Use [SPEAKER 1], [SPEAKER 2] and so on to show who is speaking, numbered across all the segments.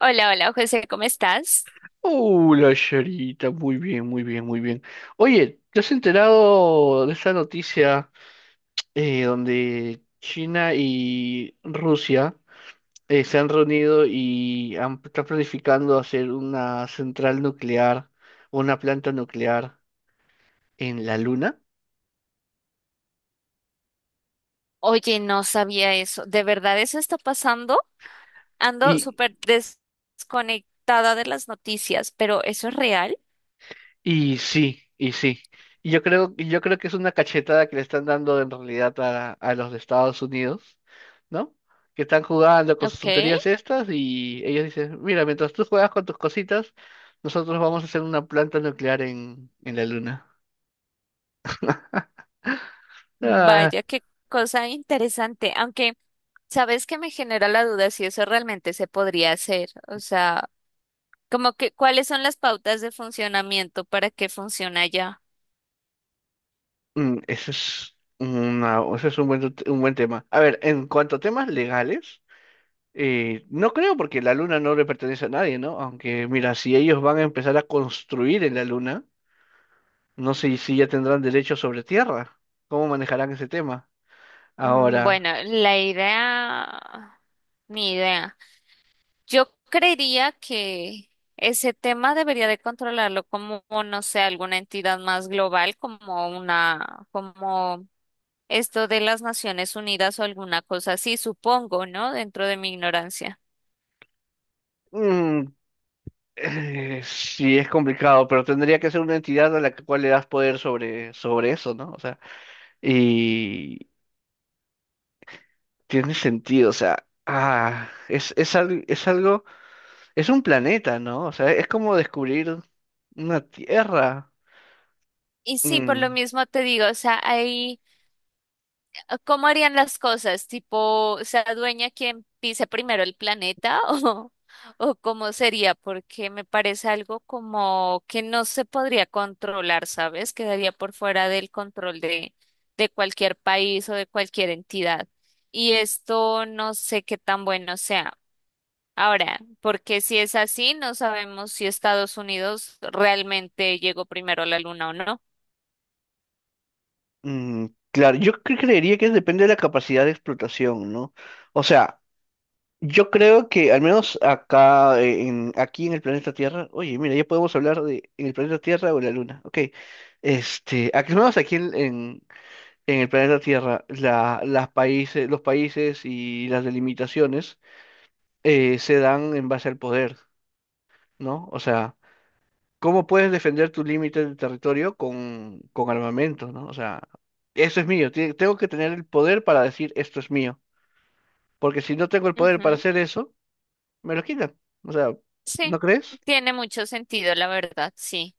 [SPEAKER 1] Hola, hola, José, ¿cómo estás?
[SPEAKER 2] Hola, Charita, muy bien. Oye, ¿te has enterado de esa noticia donde China y Rusia se han reunido y están planificando hacer una central nuclear, una planta nuclear en la Luna?
[SPEAKER 1] Oye, no sabía eso. ¿De verdad eso está pasando? Ando
[SPEAKER 2] Y
[SPEAKER 1] desconectada de las noticias, pero ¿eso es real?
[SPEAKER 2] sí. Y yo creo que es una cachetada que le están dando en realidad a los de Estados Unidos, ¿no? Que están jugando con sus
[SPEAKER 1] Ok.
[SPEAKER 2] tonterías estas y ellos dicen, mira, mientras tú juegas con tus cositas, nosotros vamos a hacer una planta nuclear en la luna. Ah,
[SPEAKER 1] Vaya, qué cosa interesante. Aunque, ¿sabes que me genera la duda si eso realmente se podría hacer? O sea, como que, ¿cuáles son las pautas de funcionamiento para que funcione allá?
[SPEAKER 2] ese es un buen, t- un buen tema. A ver, en cuanto a temas legales, no creo porque la luna no le pertenece a nadie, ¿no? Aunque, mira, si ellos van a empezar a construir en la luna. No sé si ya tendrán derecho sobre tierra. ¿Cómo manejarán ese tema? Ahora,
[SPEAKER 1] Bueno, la idea, ni idea. Yo creería que ese tema debería de controlarlo como, no sé, alguna entidad más global, como una, como esto de las Naciones Unidas o alguna cosa así, supongo, ¿no? Dentro de mi ignorancia.
[SPEAKER 2] mm, sí es complicado, pero tendría que ser una entidad cual le das poder sobre, sobre eso, ¿no? O sea, y tiene sentido, o sea, es algo, es un planeta, ¿no? O sea, es como descubrir una tierra.
[SPEAKER 1] Y sí, por lo
[SPEAKER 2] Mm,
[SPEAKER 1] mismo te digo, o sea, hay ¿cómo harían las cosas? ¿Tipo, se adueña quien pise primero el planeta o cómo sería? Porque me parece algo como que no se podría controlar, ¿sabes? Quedaría por fuera del control de cualquier país o de cualquier entidad. Y esto no sé qué tan bueno sea. Ahora, porque si es así, no sabemos si Estados Unidos realmente llegó primero a la luna o no.
[SPEAKER 2] claro, creería que depende de la capacidad de explotación, ¿no? O sea, yo creo que al menos acá, aquí en el planeta Tierra, oye, mira, ya podemos hablar de en el planeta Tierra o en la Luna, ok. Al menos aquí en el planeta Tierra, los países y las delimitaciones se dan en base al poder, ¿no? O sea, ¿cómo puedes defender tu límite de territorio con armamento, ¿no? O sea, eso es mío, tengo que tener el poder para decir esto es mío, porque si no tengo el poder para
[SPEAKER 1] Ujú.
[SPEAKER 2] hacer eso me lo quitan. O sea, ¿no
[SPEAKER 1] Sí,
[SPEAKER 2] crees?
[SPEAKER 1] tiene mucho sentido, la verdad, sí,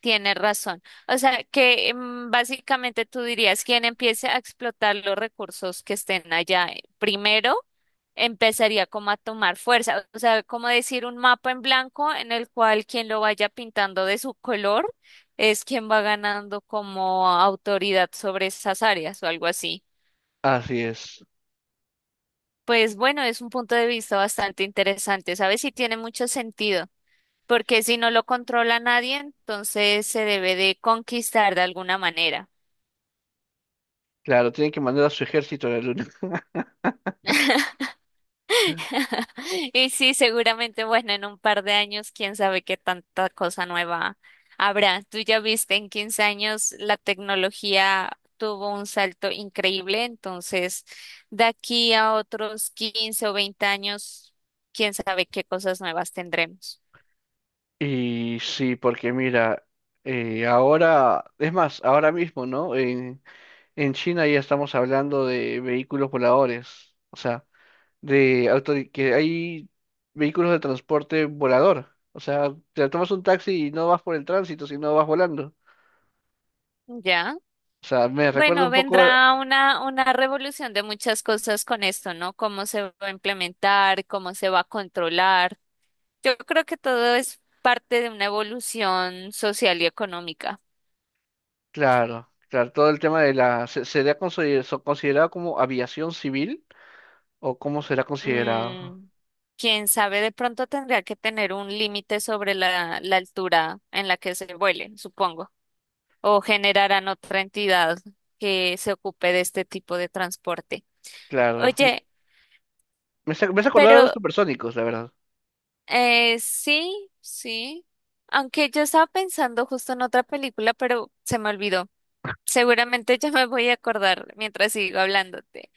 [SPEAKER 1] tiene razón. O sea, que básicamente tú dirías, quien empiece a explotar los recursos que estén allá primero, empezaría como a tomar fuerza. O sea, como decir un mapa en blanco en el cual quien lo vaya pintando de su color es quien va ganando como autoridad sobre esas áreas o algo así.
[SPEAKER 2] Así es.
[SPEAKER 1] Pues bueno, es un punto de vista bastante interesante, ¿sabes? Y tiene mucho sentido, porque si no lo controla nadie, entonces se debe de conquistar de alguna manera.
[SPEAKER 2] Claro, tienen que mandar a su ejército a la luna.
[SPEAKER 1] Y sí, seguramente, bueno, en un par de años, quién sabe qué tanta cosa nueva habrá. Tú ya viste, en 15 años la tecnología tuvo un salto increíble, entonces de aquí a otros 15 o 20 años, quién sabe qué cosas nuevas tendremos.
[SPEAKER 2] Y sí, porque mira, ahora, es más, ahora mismo, ¿no? En China ya estamos hablando de vehículos voladores, o sea, de auto, que hay vehículos de transporte volador. O sea, te tomas un taxi y no vas por el tránsito, sino vas volando.
[SPEAKER 1] ¿Ya?
[SPEAKER 2] O sea, me recuerda
[SPEAKER 1] Bueno,
[SPEAKER 2] un poco,
[SPEAKER 1] vendrá una revolución de muchas cosas con esto, ¿no? Cómo se va a implementar, cómo se va a controlar. Yo creo que todo es parte de una evolución social y económica.
[SPEAKER 2] claro, todo el tema de la, se, considerado como aviación civil o cómo será considerado.
[SPEAKER 1] Mm, Quién sabe, de pronto tendría que tener un límite sobre la altura en la que se vuele, supongo, o generarán otra entidad que se ocupe de este tipo de transporte.
[SPEAKER 2] Claro,
[SPEAKER 1] Oye,
[SPEAKER 2] me hace acordar a los
[SPEAKER 1] pero
[SPEAKER 2] supersónicos, la verdad.
[SPEAKER 1] Sí, sí. Aunque yo estaba pensando justo en otra película, pero se me olvidó. Seguramente ya me voy a acordar mientras sigo hablándote.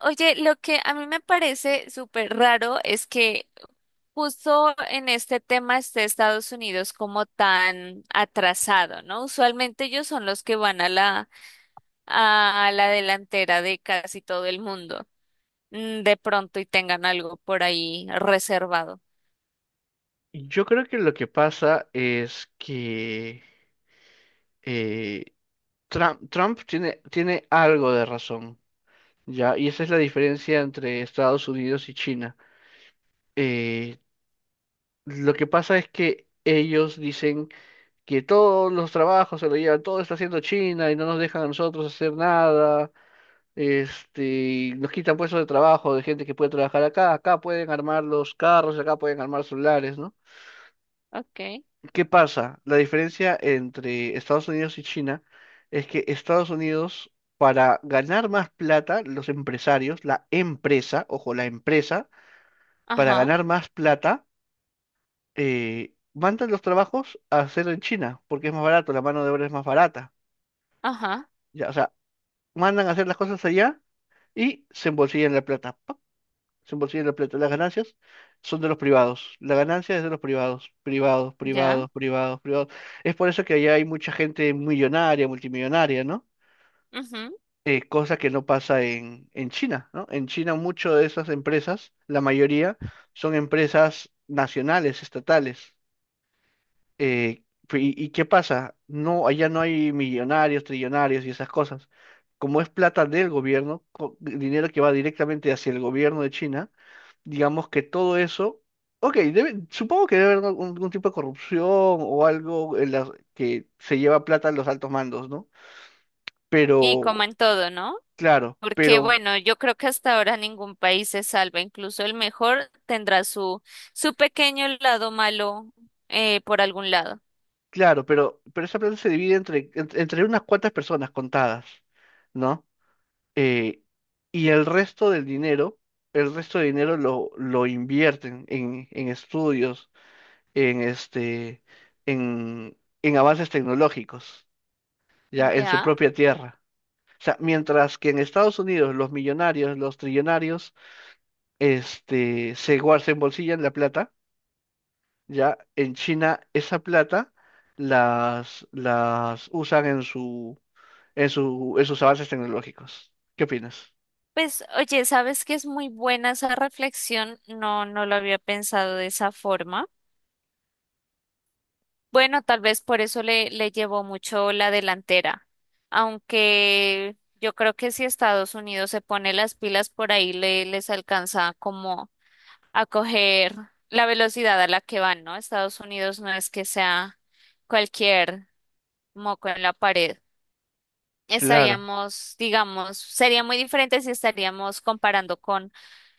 [SPEAKER 1] Oye, lo que a mí me parece súper raro es que justo en este tema esté Estados Unidos como tan atrasado, ¿no? Usualmente ellos son los que van a la delantera de casi todo el mundo, de pronto y tengan algo por ahí reservado.
[SPEAKER 2] Yo creo que lo que pasa es que eh, Trump tiene algo de razón, ¿ya? Y esa es la diferencia entre Estados Unidos y China. Eh, lo que pasa es que ellos dicen que todos los trabajos se lo llevan, todo está haciendo China y no nos dejan a nosotros hacer nada. Este, y nos quitan puestos de trabajo de gente que puede trabajar acá, acá pueden armar los carros, acá pueden armar celulares, ¿no?
[SPEAKER 1] Ok,
[SPEAKER 2] ¿Qué pasa? La diferencia entre Estados Unidos y China es que Estados Unidos, para ganar más plata, los empresarios, la empresa, ojo, la empresa, para
[SPEAKER 1] ajá,
[SPEAKER 2] ganar más plata, mandan los trabajos a hacer en China, porque es más barato, la mano de obra es más barata.
[SPEAKER 1] ajá.
[SPEAKER 2] Ya, o sea, mandan a hacer las cosas allá y se embolsillan la plata. 100% de la plata. Las ganancias son de los privados. La ganancia es de los privados. Privados,
[SPEAKER 1] Ya.
[SPEAKER 2] privados, privados, privados. Es por eso que allá hay mucha gente millonaria, multimillonaria, ¿no?
[SPEAKER 1] Ujú.
[SPEAKER 2] Cosa que no pasa en China, ¿no? En China muchas de esas empresas, la mayoría, son empresas nacionales, estatales. Y qué pasa? No, allá no hay millonarios, trillonarios y esas cosas. Como es plata del gobierno, dinero que va directamente hacia el gobierno de China, digamos que todo eso, ok, supongo que debe haber algún tipo de corrupción o algo en las que se lleva plata a los altos mandos, ¿no?
[SPEAKER 1] Y
[SPEAKER 2] Pero,
[SPEAKER 1] como todo, ¿no?
[SPEAKER 2] claro,
[SPEAKER 1] Porque
[SPEAKER 2] pero,
[SPEAKER 1] bueno, yo creo que hasta ahora ningún país se salva, incluso el mejor tendrá su, su pequeño lado malo por algún lado.
[SPEAKER 2] claro, pero, pero esa plata se divide entre unas cuantas personas contadas, ¿no? Eh, y el resto del dinero, el resto de dinero lo invierten en estudios, en este, en, en avances tecnológicos, ya, en su
[SPEAKER 1] Ya.
[SPEAKER 2] propia tierra. O sea, mientras que en Estados Unidos los millonarios, los trillonarios, este, se embolsillan la plata, ya en China esa plata las usan en su, en sus avances tecnológicos. ¿Qué opinas?
[SPEAKER 1] Pues oye, ¿sabes que es muy buena esa reflexión? No, no lo había pensado de esa forma. Bueno, tal vez por eso le llevó mucho la delantera, aunque yo creo que si Estados Unidos se pone las pilas por ahí le, les alcanza como a coger la velocidad a la que van, ¿no? Estados Unidos no es que sea cualquier moco en la pared.
[SPEAKER 2] Claro,
[SPEAKER 1] Estaríamos, digamos, sería muy diferente si estaríamos comparando con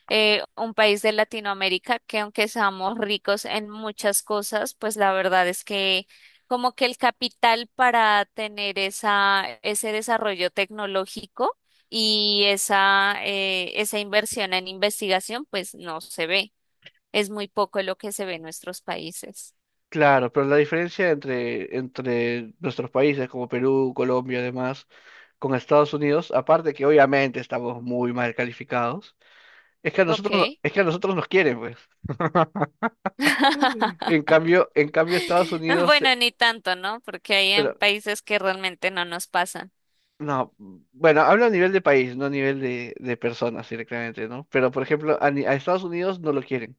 [SPEAKER 1] un país de Latinoamérica que aunque seamos ricos en muchas cosas, pues la verdad es que como que el capital para tener esa, ese desarrollo tecnológico y esa, esa inversión en investigación, pues no se ve. Es muy poco lo que se ve en nuestros países.
[SPEAKER 2] claro, pero la diferencia entre, entre nuestros países como Perú, Colombia, además, con Estados Unidos, aparte que obviamente estamos muy mal calificados, es que a nosotros,
[SPEAKER 1] Ok.
[SPEAKER 2] es que a nosotros nos quieren, pues. En cambio Estados Unidos.
[SPEAKER 1] Bueno, ni tanto, ¿no? Porque hay en
[SPEAKER 2] Pero,
[SPEAKER 1] países que realmente no nos pasan.
[SPEAKER 2] no, bueno, hablo a nivel de país, no a nivel de personas directamente, ¿no? Pero, por ejemplo, a Estados Unidos no lo quieren.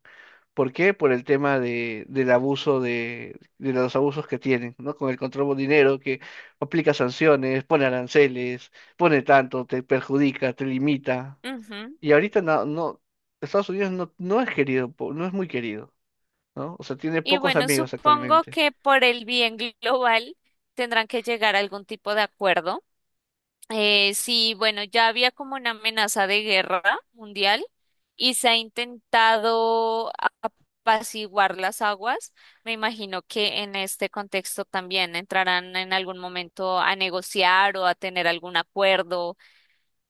[SPEAKER 2] ¿Por qué? Por el tema de, del abuso de los abusos que tienen, ¿no? Con el control de dinero que aplica sanciones, pone aranceles, pone tanto, te perjudica, te limita.
[SPEAKER 1] Ujú.
[SPEAKER 2] Y ahorita Estados Unidos no es querido, no es muy querido, ¿no? O sea, tiene
[SPEAKER 1] Y
[SPEAKER 2] pocos
[SPEAKER 1] bueno,
[SPEAKER 2] amigos
[SPEAKER 1] supongo
[SPEAKER 2] actualmente.
[SPEAKER 1] que por el bien global tendrán que llegar a algún tipo de acuerdo. Sí, bueno, ya había como una amenaza de guerra mundial y se ha intentado apaciguar las aguas. Me imagino que en este contexto también entrarán en algún momento a negociar o a tener algún acuerdo.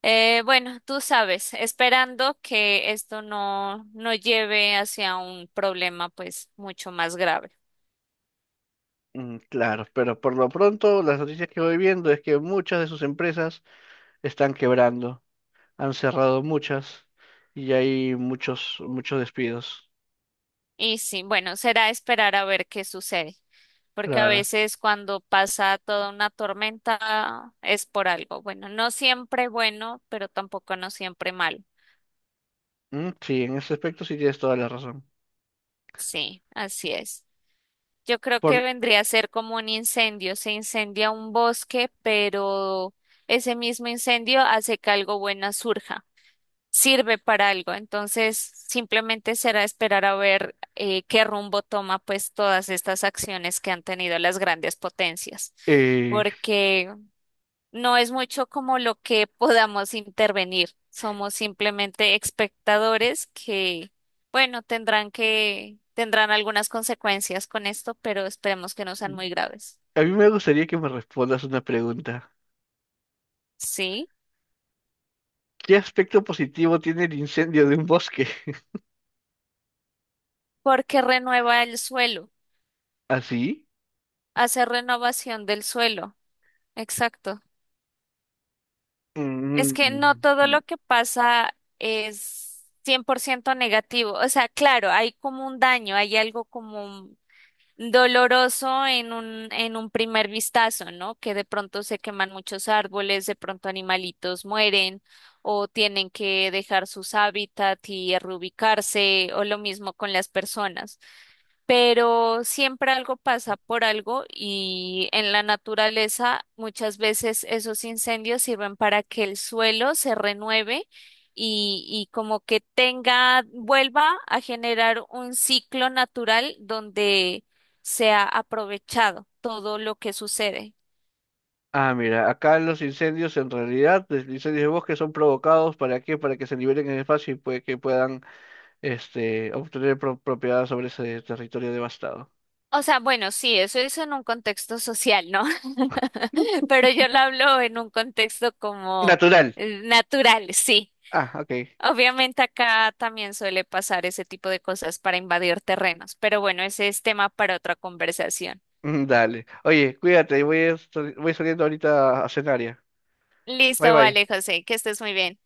[SPEAKER 1] Bueno, tú sabes, esperando que esto no, no lleve hacia un problema pues mucho más grave.
[SPEAKER 2] Claro, pero por lo pronto las noticias que voy viendo es que muchas de sus empresas están quebrando, han cerrado muchas y hay muchos despidos.
[SPEAKER 1] Y sí, bueno, será esperar a ver qué sucede, porque a
[SPEAKER 2] Claro.
[SPEAKER 1] veces cuando pasa toda una tormenta es por algo. Bueno, no siempre bueno, pero tampoco no siempre malo.
[SPEAKER 2] Sí, en ese aspecto sí tienes toda la razón.
[SPEAKER 1] Sí, así es. Yo creo que
[SPEAKER 2] Por,
[SPEAKER 1] vendría a ser como un incendio. Se incendia un bosque, pero ese mismo incendio hace que algo bueno surja, sirve para algo. Entonces, simplemente será esperar a ver qué rumbo toma pues todas estas acciones que han tenido las grandes potencias,
[SPEAKER 2] eh,
[SPEAKER 1] porque no es mucho como lo que podamos intervenir. Somos simplemente espectadores que, bueno, tendrán que, tendrán algunas consecuencias con esto, pero esperemos que no sean muy graves.
[SPEAKER 2] a mí me gustaría que me respondas una pregunta.
[SPEAKER 1] Sí,
[SPEAKER 2] ¿Qué aspecto positivo tiene el incendio de un bosque?
[SPEAKER 1] porque renueva el suelo,
[SPEAKER 2] ¿Así?
[SPEAKER 1] hace renovación del suelo. Exacto. Es que
[SPEAKER 2] Mm,
[SPEAKER 1] no todo lo que pasa es 100% negativo. O sea, claro, hay como un daño, hay algo como doloroso en un primer vistazo, ¿no? Que de pronto se queman muchos árboles, de pronto animalitos mueren o tienen que dejar sus hábitats y reubicarse o lo mismo con las personas, pero siempre algo pasa por algo y en la naturaleza muchas veces esos incendios sirven para que el suelo se renueve y como que tenga, vuelva a generar un ciclo natural donde sea aprovechado todo lo que sucede.
[SPEAKER 2] Ah, mira, acá los incendios en realidad, los incendios de bosque son provocados ¿para qué? Para que se liberen en el espacio y puede que puedan este, propiedad sobre ese territorio devastado.
[SPEAKER 1] O sea, bueno, sí, eso es en un contexto social, ¿no? Pero yo lo hablo en un contexto como
[SPEAKER 2] Natural.
[SPEAKER 1] natural, sí.
[SPEAKER 2] Ah, ok.
[SPEAKER 1] Obviamente acá también suele pasar ese tipo de cosas para invadir terrenos, pero bueno, ese es tema para otra conversación.
[SPEAKER 2] Dale. Oye, cuídate, voy saliendo ahorita a cenar ya. Bye
[SPEAKER 1] Listo,
[SPEAKER 2] bye.
[SPEAKER 1] vale, José, que estés muy bien.